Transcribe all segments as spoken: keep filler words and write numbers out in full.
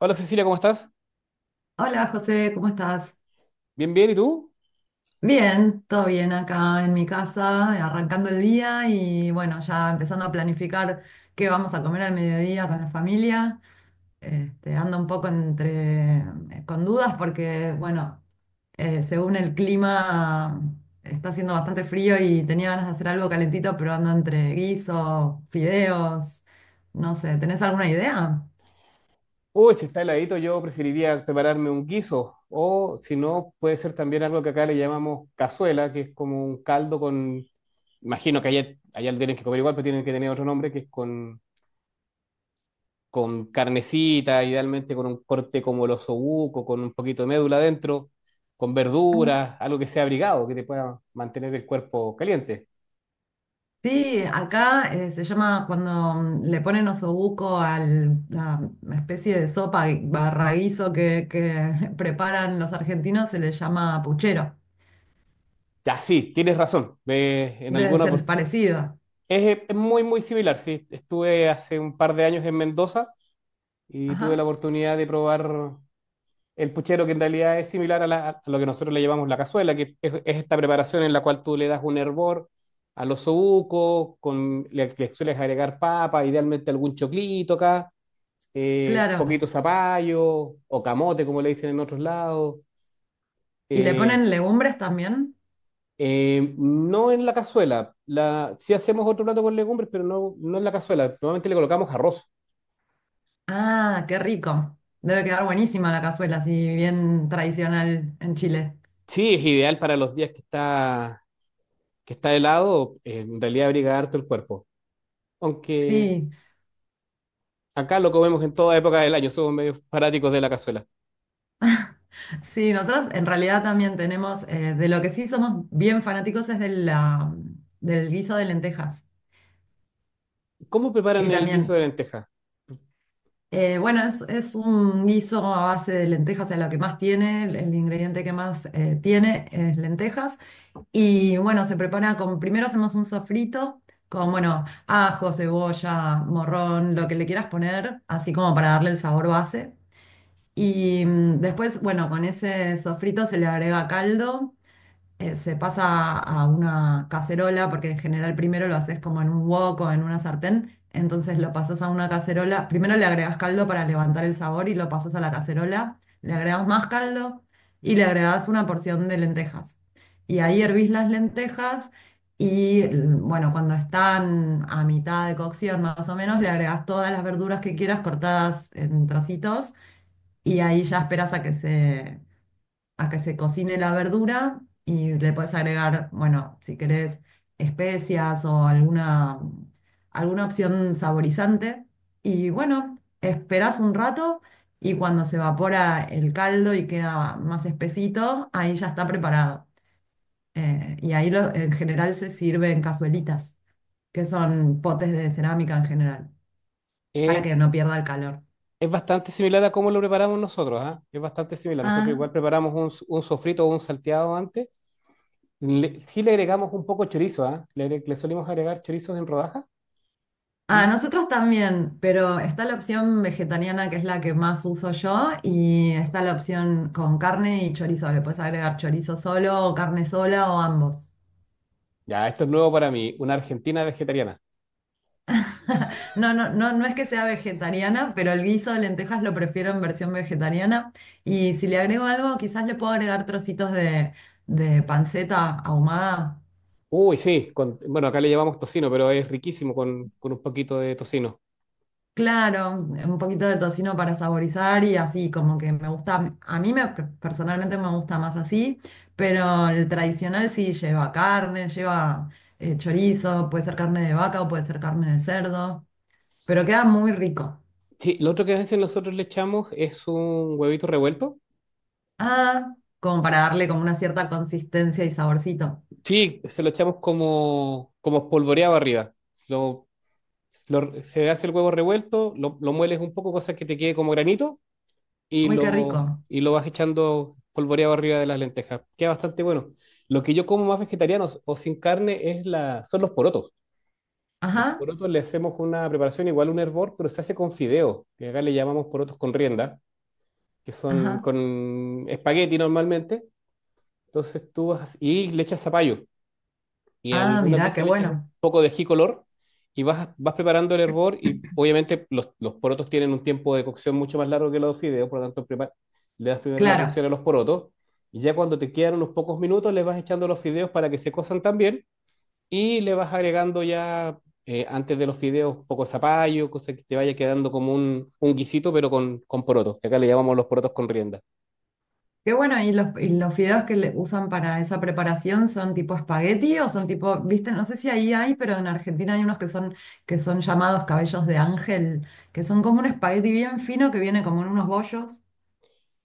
Hola Cecilia, ¿cómo estás? Hola José, ¿cómo estás? Bien, bien, ¿y tú? Bien, todo bien acá en mi casa, arrancando el día y bueno, ya empezando a planificar qué vamos a comer al mediodía con la familia. Este, ando un poco entre, eh, con dudas porque bueno, eh, según el clima está haciendo bastante frío y tenía ganas de hacer algo calentito, pero ando entre guiso, fideos, no sé, ¿tenés alguna idea? Uy, si está heladito, yo preferiría prepararme un guiso. O si no, puede ser también algo que acá le llamamos cazuela, que es como un caldo con. Imagino que allá, allá lo tienen que comer igual, pero tienen que tener otro nombre, que es con, con carnecita, idealmente con un corte como el osobuco, con un poquito de médula adentro, con verduras, algo que sea abrigado, que te pueda mantener el cuerpo caliente. Sí, acá eh, se llama cuando mm, le ponen osobuco a la especie de sopa y barra guiso que, que preparan los argentinos, se le llama puchero. Ya, sí, tienes razón. Me- en Debe alguna ser parecido. Es, eh, es muy, muy similar, sí. Estuve hace un par de años en Mendoza y tuve la Ajá, oportunidad de probar el puchero, que en realidad es similar a, la- a lo que nosotros le llamamos la cazuela, que es, es esta preparación en la cual tú le das un hervor a los osobucos, con, le, le sueles agregar papa, idealmente algún choclito acá, eh, claro. poquito zapallo o camote, como le dicen en otros lados. ¿Y le eh, ponen legumbres también? eh, no en la cazuela, la, sí hacemos otro plato con legumbres, pero no, no en la cazuela, normalmente le colocamos arroz. Ah, qué rico. Debe quedar buenísima la cazuela, así bien tradicional en Chile. Sí, es ideal para los días que está, que está helado, eh, en realidad abriga harto el cuerpo. Aunque Sí, acá lo comemos en toda época del año, somos medios fanáticos de la cazuela. sí, nosotros en realidad también tenemos, eh, de lo que sí somos bien fanáticos es de la, del guiso de lentejas. ¿Cómo Y preparan el guiso de también lenteja? Eh, bueno, es, es un guiso a base de lentejas, es lo que más tiene, el, el ingrediente que más eh, tiene es lentejas. Y bueno, se prepara con, primero hacemos un sofrito con, bueno, ajo, cebolla, morrón, lo que le quieras poner, así como para darle el sabor base. Y mm, después, bueno, con ese sofrito se le agrega caldo eh, se pasa a una cacerola, porque en general primero lo haces como en un wok o en una sartén, entonces lo pasas a una cacerola, primero le agregas caldo para levantar el sabor y lo pasas a la cacerola, le agregas más caldo y le agregas una porción de lentejas. Y ahí hervís las lentejas y l- bueno, cuando están a mitad de cocción más o menos, le agregas todas las verduras que quieras cortadas en trocitos y ahí ya esperas a que se a que se cocine la verdura y le puedes agregar, bueno, si querés, especias o alguna, alguna opción saborizante. Y bueno, esperás un rato y cuando se evapora el caldo y queda más espesito, ahí ya está preparado. Eh, y ahí lo- en general se sirve en cazuelitas, que son potes de cerámica en general, para Eh, que no pierda el calor. es bastante similar a cómo lo preparamos nosotros, ¿ah? Es bastante similar. Nosotros Ah. igual preparamos un, s- un sofrito o un salteado antes. Le- sí le agregamos un poco chorizo, ¿ah? Le, agre- le solimos agregar chorizos en rodajas. A Y nosotros también, pero está la opción vegetariana que es la que más uso yo y está la opción con carne y chorizo. Le puedes agregar chorizo solo o carne sola o ambos. ya, esto es nuevo para mí, una argentina vegetariana. No, no, no, no es que sea vegetariana, pero el guiso de lentejas lo prefiero en versión vegetariana. Y si le agrego algo, quizás le puedo agregar trocitos de, de panceta ahumada. Uy, sí, con- bueno, acá le llamamos tocino, pero es riquísimo con, con un poquito de tocino. Claro, un poquito de tocino para saborizar y así, como que me gusta, a mí me, personalmente me gusta más así, pero el tradicional sí lleva carne, lleva eh, chorizo, puede ser carne de vaca o puede ser carne de cerdo, pero queda muy rico. Sí, lo otro que a veces nosotros le echamos es un huevito revuelto. Ah, como para darle como una cierta consistencia y saborcito. Sí, se lo echamos como, como espolvoreado arriba. Lo, lo- Se hace el huevo revuelto, lo, lo mueles un poco, cosa que te quede como granito, y Uy, qué lo, rico. y lo vas echando polvoreado arriba de las lentejas. Queda bastante bueno. Lo que yo como más vegetariano o sin carne es la, son los porotos. Los Ajá, porotos le hacemos una preparación igual a un hervor, pero se hace con fideo, que acá le llamamos porotos con rienda, que son ajá. con espagueti normalmente. Entonces tú vas y le echas zapallo. Y Ah, algunas mirá, qué veces le echas un bueno. poco de ají color y vas, vas preparando el hervor. Y obviamente los, los porotos tienen un tiempo de cocción mucho más largo que los fideos, por lo tanto prepar- le das primero la cocción Claro. a los porotos. Y ya cuando te quedan unos pocos minutos, les vas echando los fideos para que se cosan también y le vas agregando ya eh, antes de los fideos un poco de zapallo, cosa que te vaya quedando como un, un guisito, pero con, con porotos, que acá le llamamos los porotos con rienda. Qué bueno, ¿y los, y los fideos que le usan para esa preparación son tipo espagueti o son tipo, viste, no sé si ahí hay, pero en Argentina hay unos que son, que son llamados cabellos de ángel, que son como un espagueti bien fino que viene como en unos bollos.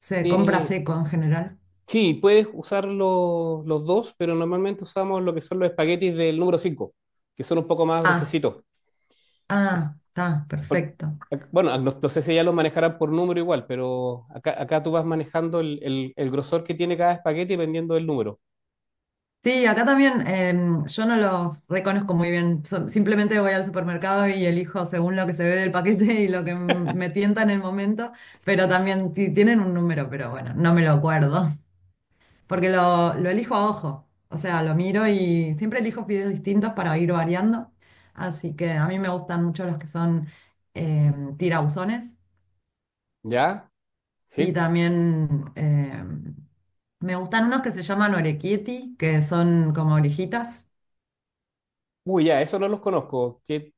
Se compra Eh, seco en general. sí, puedes usar lo- los dos, pero normalmente usamos lo que son los espaguetis del número cinco que son un poco más Ah, gruesecitos. ah, está, Por- perfecto. ac- Bueno, no, no sé si ya los manejarán por número igual, pero acá, acá tú vas manejando el, el- el grosor que tiene cada espagueti dependiendo del número. Sí, acá también em, yo no los reconozco muy bien. So- simplemente voy al supermercado y elijo según lo que se ve del paquete y lo que m- me tienta en el momento, pero también ti- tienen un número, pero bueno, no me lo acuerdo. Porque lo, lo elijo a ojo. O sea, lo miro y siempre elijo videos distintos para ir variando. Así que a mí me gustan mucho los que son eh, tirabuzones. ¿Ya? Y Sí. también eh, me gustan unos que se llaman orecchietti, que son como orejitas. Uy, ya, eso no los conozco. ¿Qué,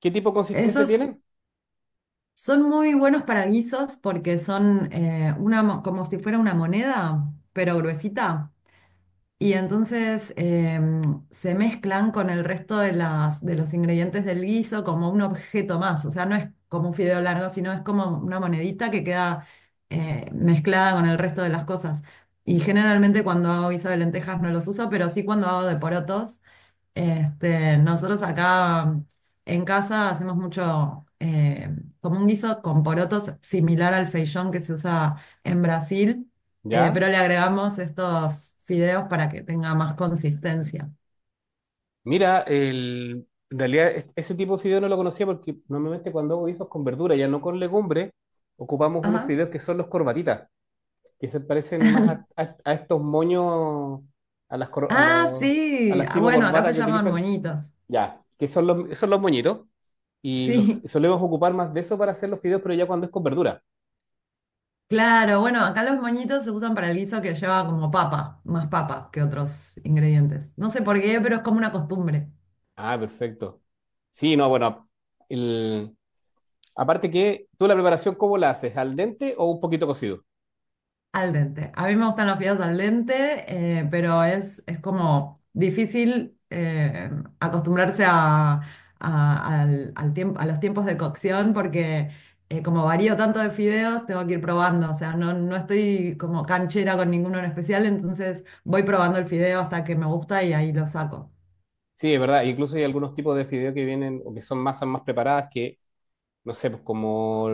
qué tipo de consistencia Esos tienen? son muy buenos para guisos porque son eh, una, mo- como si fuera una moneda, pero gruesita. Y entonces em, se mezclan con el resto de las, de los ingredientes del guiso como un objeto más. O sea, no es como un fideo largo, sino es como una monedita que queda eh, mezclada con el resto de las cosas. Y generalmente cuando hago guiso de lentejas no los uso, pero sí cuando hago de porotos. Este, nosotros acá en casa hacemos mucho eh, como un guiso con porotos similar al feijón que se usa en Brasil, eh, ¿Ya? pero le agregamos estos fideos para que tenga más consistencia. Mira, el, en realidad es- ese tipo de fideo no lo conocía porque normalmente cuando hago guisos con verdura, ya no con legumbre, ocupamos unos Ajá. fideos que son los corbatitas, que se parecen más a, a- a estos moños, a las, cor- a Ah, los, a sí. las Ah, tipo bueno, acá corbatas se que llaman utilizan, moñitos. ya, que son los, son los moñitos, y los Sí, solemos ocupar más de eso para hacer los fideos, pero ya cuando es con verdura. claro. Bueno, acá los moñitos se usan para el guiso que lleva como papa, más papa que otros ingredientes. No sé por qué, pero es como una costumbre. Ah, perfecto. Sí, no, bueno, el- aparte que, ¿tú la preparación cómo la haces? ¿Al dente o un poquito cocido? Al dente. A mí me gustan los fideos al dente, eh, pero es, es como difícil eh, acostumbrarse a, a- al, al tiemp- a los tiempos de cocción porque eh, como varío tanto de fideos, tengo que ir probando. O sea, no, no estoy como canchera con ninguno en especial, entonces voy probando el fideo hasta que me gusta y ahí lo saco. Sí, es verdad. Incluso hay algunos tipos de fideos que vienen o que son masas más preparadas que, no sé, pues como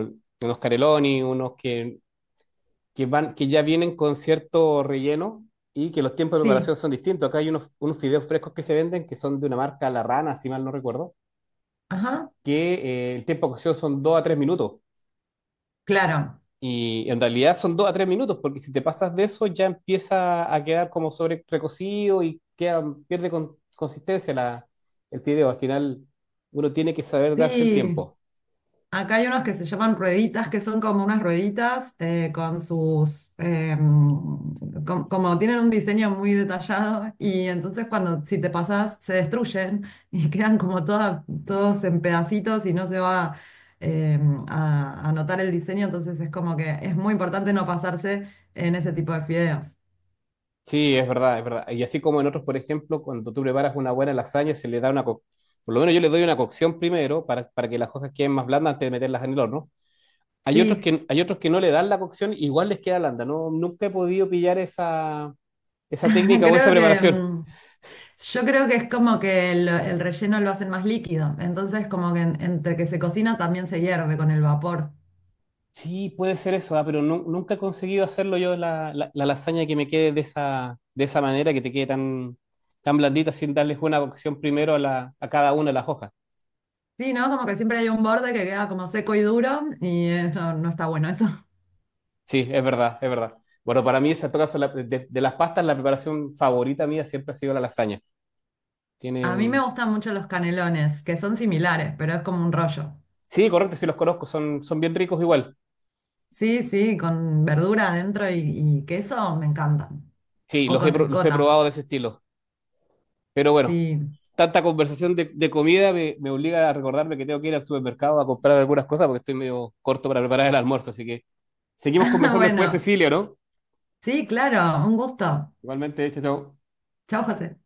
unos careloni, unos que, que van, que ya vienen con cierto relleno y que los tiempos de Sí, preparación son distintos. Acá hay unos, unos fideos frescos que se venden que son de una marca La Rana, si mal no recuerdo, ajá, que eh, el tiempo de cocción son dos a tres minutos. claro. Y en realidad son dos a tres minutos, porque si te pasas de eso ya empieza a quedar como sobre recocido y queda, pierde con- consistencia la, el fideo. Al final uno tiene que saber darse el Sí. tiempo. Acá hay unos que se llaman rueditas, que son como unas rueditas eh, con sus, eh, com- como tienen un diseño muy detallado y entonces cuando si te pasas se destruyen y quedan como toda- todos en pedacitos y no se va eh, a, a notar el diseño, entonces es como que es muy importante no pasarse en ese tipo de fideos. Sí, es verdad, es verdad. Y así como en otros, por ejemplo, cuando tú preparas una buena lasaña, se le da una... co- Por lo menos yo le doy una cocción primero para, para que las hojas queden más blandas antes de meterlas en el horno. Hay otros Sí, que, hay otros que no le dan la cocción, igual les queda blanda. No, nunca he podido pillar esa, esa técnica o esa creo que... preparación. mm, yo creo que es como que el, el relleno lo hacen más líquido, entonces como que en- entre que se cocina también se hierve con el vapor. Sí, puede ser eso, ah, pero nu- nunca he conseguido hacerlo yo la, la- la lasaña que me quede de esa, de esa manera, que te quede tan, tan blandita sin darles una cocción primero a, la, a cada una de las hojas. Sí, ¿no? Como que siempre hay un borde que queda como seco y duro y eh, no, no está bueno eso. Sí, es verdad, es verdad. Bueno, para mí, en todo caso, la- de, de, las pastas, la preparación favorita mía siempre ha sido la lasaña. Tiene A mí me un. gustan mucho los canelones, que son similares, pero es como un rollo. Sí, correcto, sí los conozco, son, son bien ricos igual. Sí, sí, con verdura adentro y, y queso me encantan. Sí, O los he, con pro- los he ricota, probado de ese estilo. Pero bueno, sí. tanta conversación de, de comida me, me obliga a recordarme que tengo que ir al supermercado a comprar algunas cosas porque estoy medio corto para preparar el almuerzo, así que seguimos conversando después, Bueno, Cecilio, ¿no? sí, claro, un gusto. Igualmente, chao, chao. Chao, José.